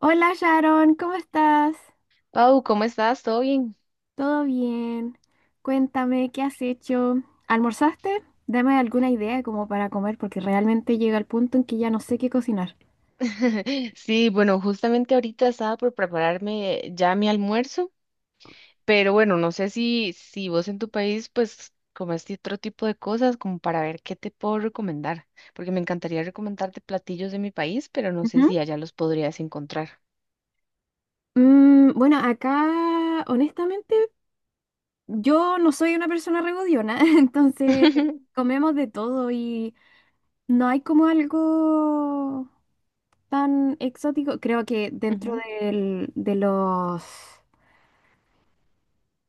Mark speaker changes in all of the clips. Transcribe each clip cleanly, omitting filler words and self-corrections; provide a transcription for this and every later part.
Speaker 1: Hola Sharon, ¿cómo estás?
Speaker 2: Pau, ¿cómo estás? ¿Todo bien?
Speaker 1: ¿Todo bien? Cuéntame, ¿qué has hecho? ¿Almorzaste? Dame alguna idea como para comer, porque realmente llega el punto en que ya no sé qué cocinar.
Speaker 2: Sí, bueno, justamente ahorita estaba por prepararme ya mi almuerzo, pero bueno, no sé si vos en tu país pues comes otro tipo de cosas como para ver qué te puedo recomendar, porque me encantaría recomendarte platillos de mi país, pero no sé
Speaker 1: Ujú.
Speaker 2: si allá los podrías encontrar.
Speaker 1: Bueno, acá, honestamente, yo no soy una persona regodiona, entonces comemos de todo y no hay como algo tan exótico. Creo que dentro
Speaker 2: Ujú,
Speaker 1: del- de los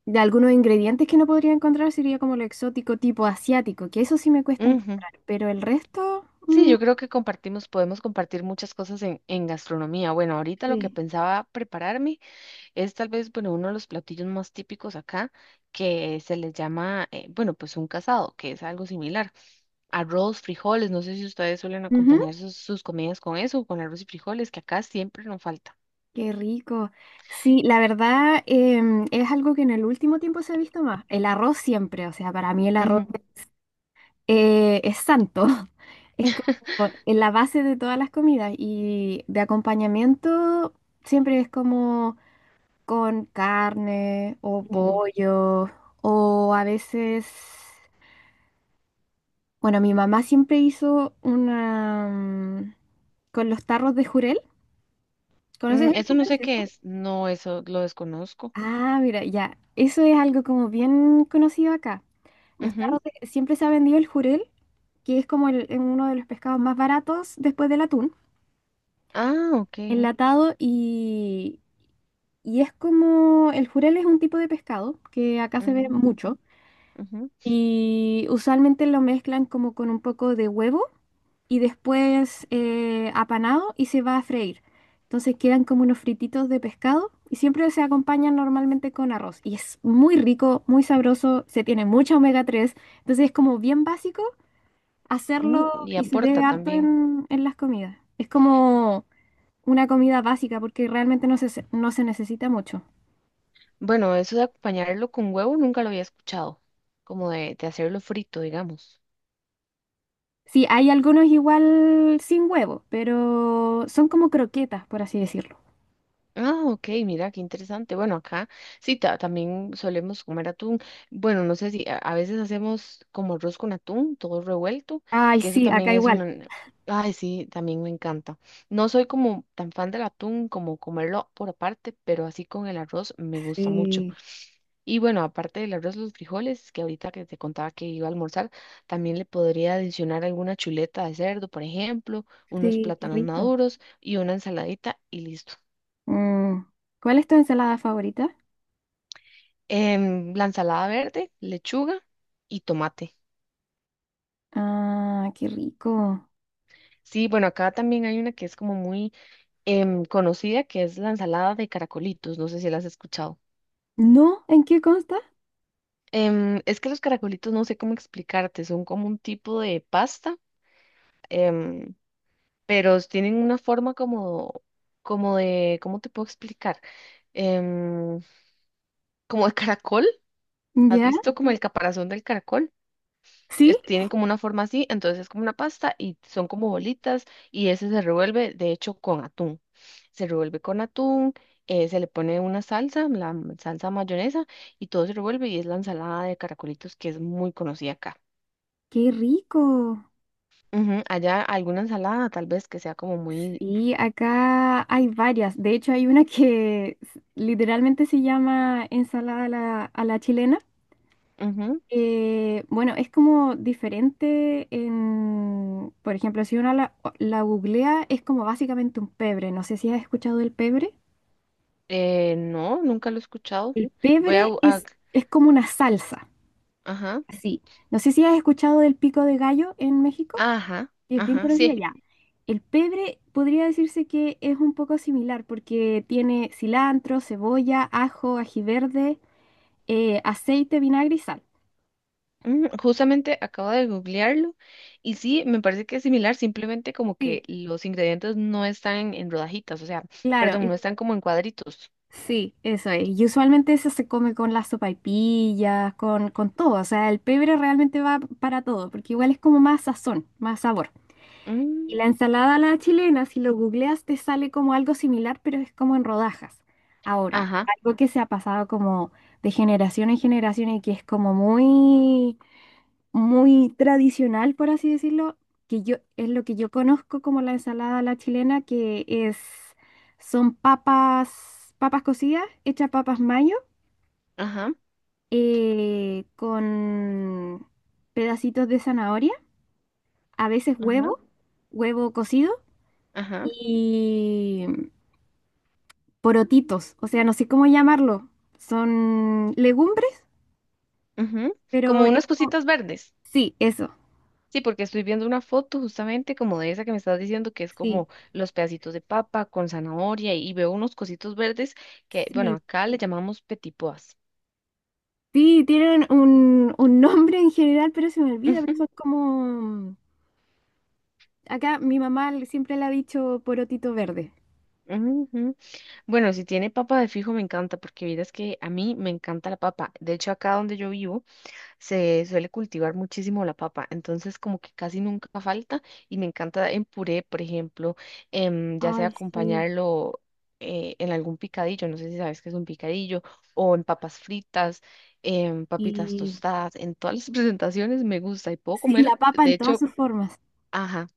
Speaker 1: De algunos ingredientes que no podría encontrar sería como lo exótico tipo asiático, que eso sí me cuesta
Speaker 2: ujú.
Speaker 1: encontrar, pero el resto,
Speaker 2: Sí, yo creo que compartimos, podemos compartir muchas cosas en gastronomía. Bueno, ahorita lo que
Speaker 1: sí.
Speaker 2: pensaba prepararme. Es tal vez, bueno, uno de los platillos más típicos acá que se les llama, bueno, pues un casado, que es algo similar. Arroz, frijoles, no sé si ustedes suelen
Speaker 1: Ujú.
Speaker 2: acompañar sus comidas con eso, con arroz y frijoles, que acá siempre nos falta.
Speaker 1: Qué rico. Sí, la verdad es algo que en el último tiempo se ha visto más. El arroz siempre, o sea, para mí el
Speaker 2: Ujú,
Speaker 1: arroz es santo. Es como en la base de todas las comidas y de acompañamiento siempre es como con carne o
Speaker 2: ujú.
Speaker 1: pollo o a veces. Bueno, mi mamá siempre hizo una con los tarros de jurel. ¿Conoces
Speaker 2: Mm,
Speaker 1: el
Speaker 2: eso no
Speaker 1: jurel,
Speaker 2: sé qué
Speaker 1: cierto?
Speaker 2: es, no, eso lo desconozco.
Speaker 1: Ah, mira, ya. Eso es algo como bien conocido acá.
Speaker 2: Ujú.
Speaker 1: Siempre se ha vendido el jurel, que es como uno de los pescados más baratos después del atún,
Speaker 2: Ah, ok.
Speaker 1: enlatado y es como el jurel es un tipo de pescado que acá se ve
Speaker 2: Ujú,
Speaker 1: mucho.
Speaker 2: ujú.
Speaker 1: Y usualmente lo mezclan como con un poco de huevo y después apanado y se va a freír. Entonces quedan como unos frititos de pescado y siempre se acompañan normalmente con arroz. Y es muy rico, muy sabroso, se tiene mucha omega 3. Entonces es como bien básico
Speaker 2: Mm,
Speaker 1: hacerlo
Speaker 2: y
Speaker 1: y se ve
Speaker 2: aporta
Speaker 1: harto
Speaker 2: también.
Speaker 1: en las comidas. Es como una comida básica porque realmente no se necesita mucho.
Speaker 2: Bueno, eso de acompañarlo con huevo nunca lo había escuchado, como de hacerlo frito, digamos.
Speaker 1: Sí, hay algunos igual sin huevo, pero son como croquetas, por así decirlo.
Speaker 2: Ah, ok, mira, qué interesante. Bueno, acá sí, también solemos comer atún. Bueno, no sé si a veces hacemos como arroz con atún, todo revuelto,
Speaker 1: Ay,
Speaker 2: que eso
Speaker 1: sí, acá
Speaker 2: también es
Speaker 1: igual.
Speaker 2: una... Ay, sí, también me encanta. No soy como tan fan del atún como comerlo por aparte, pero así con el arroz me gusta mucho.
Speaker 1: Sí,
Speaker 2: Y bueno, aparte del arroz, los frijoles, que ahorita que te contaba que iba a almorzar, también le podría adicionar alguna chuleta de cerdo, por ejemplo, unos
Speaker 1: sí, qué
Speaker 2: plátanos
Speaker 1: rico.
Speaker 2: maduros y una ensaladita y listo.
Speaker 1: Mm, ¿Cuál es tu ensalada favorita?
Speaker 2: La ensalada verde, lechuga y tomate.
Speaker 1: Ah, qué rico.
Speaker 2: Sí, bueno, acá también hay una que es como muy conocida, que es la ensalada de caracolitos. No sé si la has escuchado.
Speaker 1: ¿No? ¿En qué consta?
Speaker 2: Em, es que los caracolitos no sé cómo explicarte, son como un tipo de pasta, em, pero tienen una forma como, como de, ¿cómo te puedo explicar? Em, como de caracol. ¿Has
Speaker 1: ¿Ya?
Speaker 2: visto como el caparazón del caracol?
Speaker 1: ¿Sí?
Speaker 2: Tienen como una forma así, entonces es como una pasta y son como bolitas y ese se revuelve, de hecho, con atún. Se revuelve con atún, se le pone una salsa, la salsa mayonesa y todo se revuelve y es la ensalada de caracolitos que es muy conocida acá.
Speaker 1: ¡Qué rico!
Speaker 2: Ujú. Allá alguna ensalada tal vez que sea como muy...
Speaker 1: Sí, acá hay varias. De hecho, hay una que literalmente se llama ensalada a la chilena.
Speaker 2: ujú.
Speaker 1: Bueno, es como diferente en, por ejemplo, si uno la googlea, es como básicamente un pebre. No sé si has escuchado del pebre.
Speaker 2: No, nunca lo he escuchado.
Speaker 1: El
Speaker 2: Voy a...
Speaker 1: pebre es como una salsa,
Speaker 2: ajá,
Speaker 1: así. No sé si has escuchado del pico de gallo en México,
Speaker 2: ajá,
Speaker 1: que es bien
Speaker 2: ajá,
Speaker 1: conocido
Speaker 2: sí.
Speaker 1: ya. El pebre podría decirse que es un poco similar porque tiene cilantro, cebolla, ajo, ají verde, aceite, vinagre y sal.
Speaker 2: Mm, justamente acabo de googlearlo y sí, me parece que es similar, simplemente como
Speaker 1: Sí.
Speaker 2: que los ingredientes no están en rodajitas, o sea,
Speaker 1: Claro,
Speaker 2: perdón, no
Speaker 1: es.
Speaker 2: están como en cuadritos.
Speaker 1: Sí, eso es. Y usualmente eso se come con las sopaipillas, con todo. O sea, el pebre realmente va para todo, porque igual es como más sazón, más sabor. Y
Speaker 2: Mm,
Speaker 1: la ensalada a la chilena, si lo googleas, te sale como algo similar, pero es como en rodajas. Ahora,
Speaker 2: ajá,
Speaker 1: algo que se ha pasado como de generación en generación y que es como muy muy tradicional, por así decirlo, que yo es lo que yo conozco como la ensalada a la chilena, que es son papas, papas cocidas, hechas papas mayo,
Speaker 2: ajá,
Speaker 1: con pedacitos de zanahoria, a veces
Speaker 2: ajá,
Speaker 1: huevo, huevo cocido
Speaker 2: ajá,
Speaker 1: y porotitos, o sea, no sé cómo llamarlo, son legumbres,
Speaker 2: ujú.
Speaker 1: pero
Speaker 2: Como unas cositas verdes.
Speaker 1: sí, eso,
Speaker 2: Sí, porque estoy viendo una foto justamente como de esa que me estás diciendo que es
Speaker 1: sí,
Speaker 2: como los pedacitos de papa con zanahoria y veo unos cositos verdes que, bueno,
Speaker 1: sí.
Speaker 2: acá le llamamos petipoas.
Speaker 1: Sí, tienen un nombre en general, pero se me olvida, pero son como... Acá mi mamá siempre le ha dicho porotito verde.
Speaker 2: Bueno, si tiene papa de fijo me encanta, porque vieras que a mí me encanta la papa. De hecho, acá donde yo vivo se suele cultivar muchísimo la papa, entonces como que casi nunca falta y me encanta en puré, por ejemplo, ya sea
Speaker 1: Ay, sí.
Speaker 2: acompañarlo en algún picadillo, no sé si sabes qué es un picadillo, o en papas fritas, en papitas
Speaker 1: Y
Speaker 2: tostadas, en todas las presentaciones me gusta y puedo
Speaker 1: sí,
Speaker 2: comer,
Speaker 1: la papa
Speaker 2: de
Speaker 1: en todas
Speaker 2: hecho,
Speaker 1: sus formas.
Speaker 2: ajá.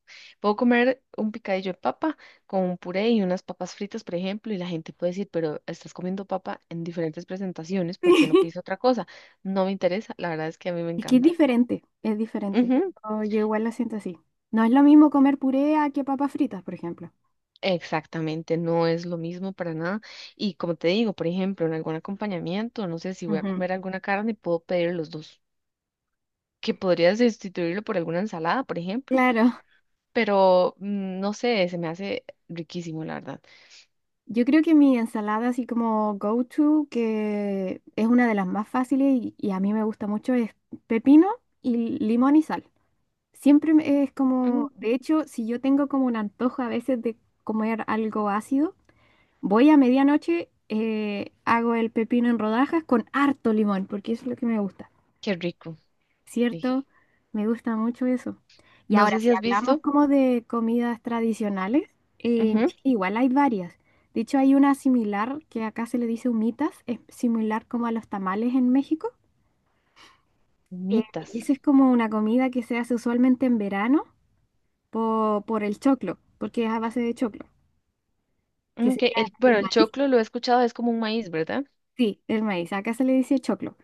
Speaker 2: Puedo comer un picadillo de papa con un puré y unas papas fritas, por ejemplo, y la gente puede decir, pero estás comiendo papa en diferentes presentaciones, ¿por qué no
Speaker 1: Sí.
Speaker 2: pides otra cosa? No me interesa, la verdad es que a mí me
Speaker 1: Es que es
Speaker 2: encanta.
Speaker 1: diferente, es diferente.
Speaker 2: Ujú,
Speaker 1: Oh, yo igual lo siento así. No es lo mismo comer puré a que papas fritas, por ejemplo.
Speaker 2: exactamente, no es lo mismo para nada. Y como te digo, por ejemplo, en algún acompañamiento, no sé si voy a
Speaker 1: Ujú.
Speaker 2: comer alguna carne, puedo pedir los dos, que podría sustituirlo por alguna ensalada, por ejemplo,
Speaker 1: Claro,
Speaker 2: pero mm, no sé, se me hace riquísimo, la verdad.
Speaker 1: yo creo que mi ensalada así como go-to, que es una de las más fáciles y a mí me gusta mucho, es pepino y limón y sal. Siempre es como,
Speaker 2: Mm,
Speaker 1: de hecho, si yo tengo como un antojo a veces de comer algo ácido, voy a medianoche, hago el pepino en rodajas con harto limón, porque eso es lo que me gusta,
Speaker 2: qué rico, sí.
Speaker 1: ¿cierto? Me gusta mucho eso. Y
Speaker 2: No
Speaker 1: ahora,
Speaker 2: sé si
Speaker 1: si
Speaker 2: has
Speaker 1: hablamos
Speaker 2: visto.
Speaker 1: como de comidas tradicionales, en
Speaker 2: Ujú,
Speaker 1: Chile igual hay varias. De hecho, hay una similar que acá se le dice humitas, es similar como a los tamales en México. eh, y
Speaker 2: humitas.
Speaker 1: esa es como una comida que se hace usualmente en verano por el choclo, porque es a base de choclo, que
Speaker 2: Ok,
Speaker 1: sería
Speaker 2: el, bueno,
Speaker 1: el
Speaker 2: el
Speaker 1: maíz.
Speaker 2: choclo lo he escuchado, es como un maíz, ¿verdad?
Speaker 1: Sí, el maíz. Acá se le dice choclo.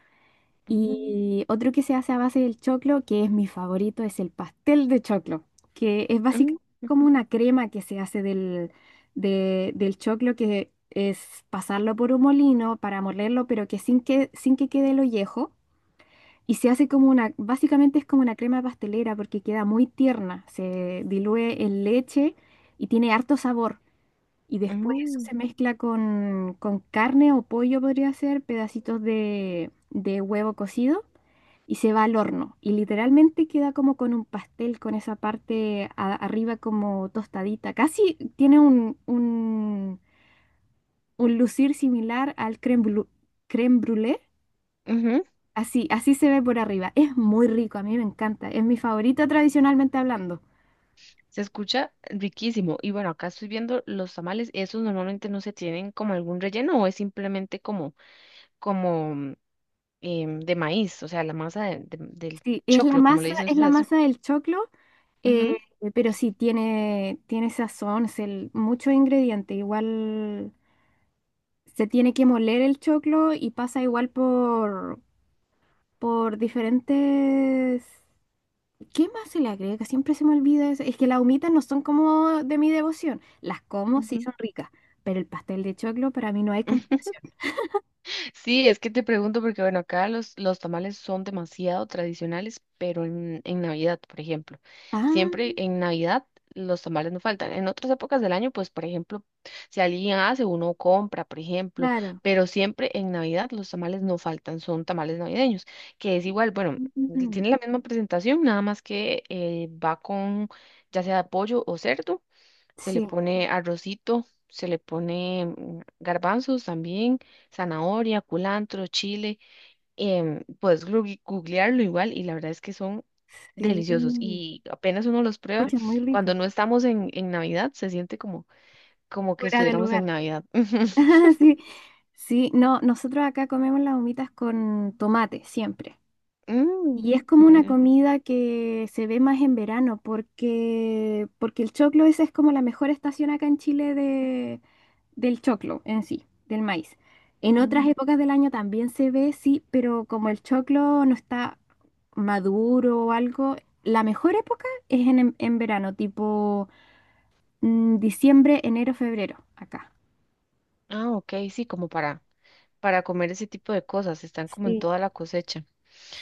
Speaker 2: Mm,
Speaker 1: Y otro que se hace a base del choclo, que es mi favorito, es el pastel de choclo, que es
Speaker 2: mm,
Speaker 1: básicamente como una crema que se hace del choclo, que es pasarlo por un molino para molerlo, pero que sin que quede el ollejo. Y se hace básicamente es como una crema pastelera porque queda muy tierna, se diluye en leche y tiene harto sabor. Y después eso
Speaker 2: mm,
Speaker 1: se mezcla con carne o pollo, podría ser, pedacitos de huevo cocido y se va al horno. Y literalmente queda como con un pastel, con esa parte arriba como tostadita. Casi tiene un, un lucir similar al crème brûlée, crème brûlée.
Speaker 2: ujú,
Speaker 1: Así, así se ve por arriba. Es muy rico, a mí me encanta. Es mi favorito tradicionalmente hablando.
Speaker 2: se escucha riquísimo. Y bueno, acá estoy viendo los tamales, esos normalmente no se tienen como algún relleno o es simplemente como, como mm, de maíz, o sea, la masa del
Speaker 1: Sí, es la
Speaker 2: choclo, como le
Speaker 1: masa,
Speaker 2: dicen
Speaker 1: es la
Speaker 2: ustedes.
Speaker 1: masa del choclo. Eh,
Speaker 2: Ujú,
Speaker 1: pero sí, tiene sazón, mucho ingrediente. Igual se tiene que moler el choclo y pasa igual por diferentes... ¿Qué más se le agrega? Siempre se me olvida eso. Es que las humitas no son como de mi devoción. Las como, sí
Speaker 2: ujú.
Speaker 1: son ricas, pero el pastel de choclo para mí no hay comparación.
Speaker 2: Sí, es que te pregunto porque, bueno, acá los tamales son demasiado tradicionales, pero en Navidad, por ejemplo, siempre
Speaker 1: Ah,
Speaker 2: en Navidad los tamales no faltan. En otras épocas del año, pues, por ejemplo, si alguien hace, uno compra, por ejemplo,
Speaker 1: claro.
Speaker 2: pero siempre en Navidad los tamales no faltan, son tamales navideños, que es igual, bueno,
Speaker 1: Mm, mm, mm.
Speaker 2: tiene la misma presentación, nada más que va con ya sea pollo o cerdo se le
Speaker 1: Sí,
Speaker 2: pone arrocito, se le pone mm, garbanzos también, zanahoria, culantro, chile. Puedes googlearlo igual y la verdad es que son deliciosos
Speaker 1: sí.
Speaker 2: y apenas uno los prueba,
Speaker 1: Escucha, muy
Speaker 2: cuando
Speaker 1: rico.
Speaker 2: no estamos en Navidad se siente como, como que
Speaker 1: Fuera de
Speaker 2: estuviéramos en
Speaker 1: lugar.
Speaker 2: Navidad.
Speaker 1: Sí, sí, no, nosotros acá comemos las humitas con tomate siempre.
Speaker 2: Mm,
Speaker 1: Y es como una
Speaker 2: mira.
Speaker 1: comida que se ve más en verano porque el choclo esa es como la mejor estación acá en Chile del choclo en sí, del maíz. En otras
Speaker 2: Mm.
Speaker 1: épocas del año también se ve, sí, pero como el choclo no está maduro o algo, la mejor época es en verano, tipo diciembre, enero, febrero, acá.
Speaker 2: Ah, ok, sí, como para comer ese tipo de cosas, están como en
Speaker 1: Sí,
Speaker 2: toda la cosecha.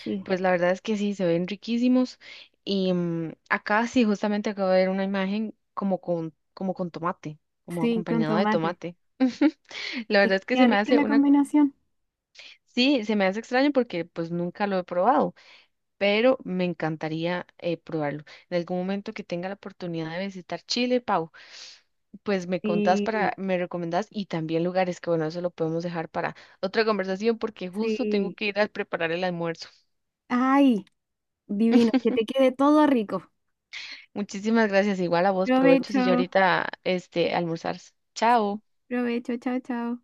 Speaker 1: sí,
Speaker 2: Pues la verdad es que sí, se ven riquísimos. Y mm, acá sí, justamente acabo de ver una imagen como con tomate, como
Speaker 1: sí, con
Speaker 2: acompañado de
Speaker 1: tomate.
Speaker 2: tomate. La
Speaker 1: Es
Speaker 2: verdad
Speaker 1: que
Speaker 2: es que
Speaker 1: queda
Speaker 2: se me
Speaker 1: rica
Speaker 2: hace
Speaker 1: la
Speaker 2: una,
Speaker 1: combinación.
Speaker 2: sí, se me hace extraño porque pues nunca lo he probado, pero me encantaría probarlo. En algún momento que tenga la oportunidad de visitar Chile, Pau, pues me contás para,
Speaker 1: Sí,
Speaker 2: me recomendás y también lugares que bueno, eso lo podemos dejar para otra conversación porque justo tengo
Speaker 1: sí.
Speaker 2: que ir a preparar el almuerzo.
Speaker 1: Ay, divino, que te quede todo rico.
Speaker 2: Muchísimas gracias. Igual a vos, provechos y yo
Speaker 1: Provecho,
Speaker 2: ahorita este almorzar. Chao.
Speaker 1: provecho, chao, chao.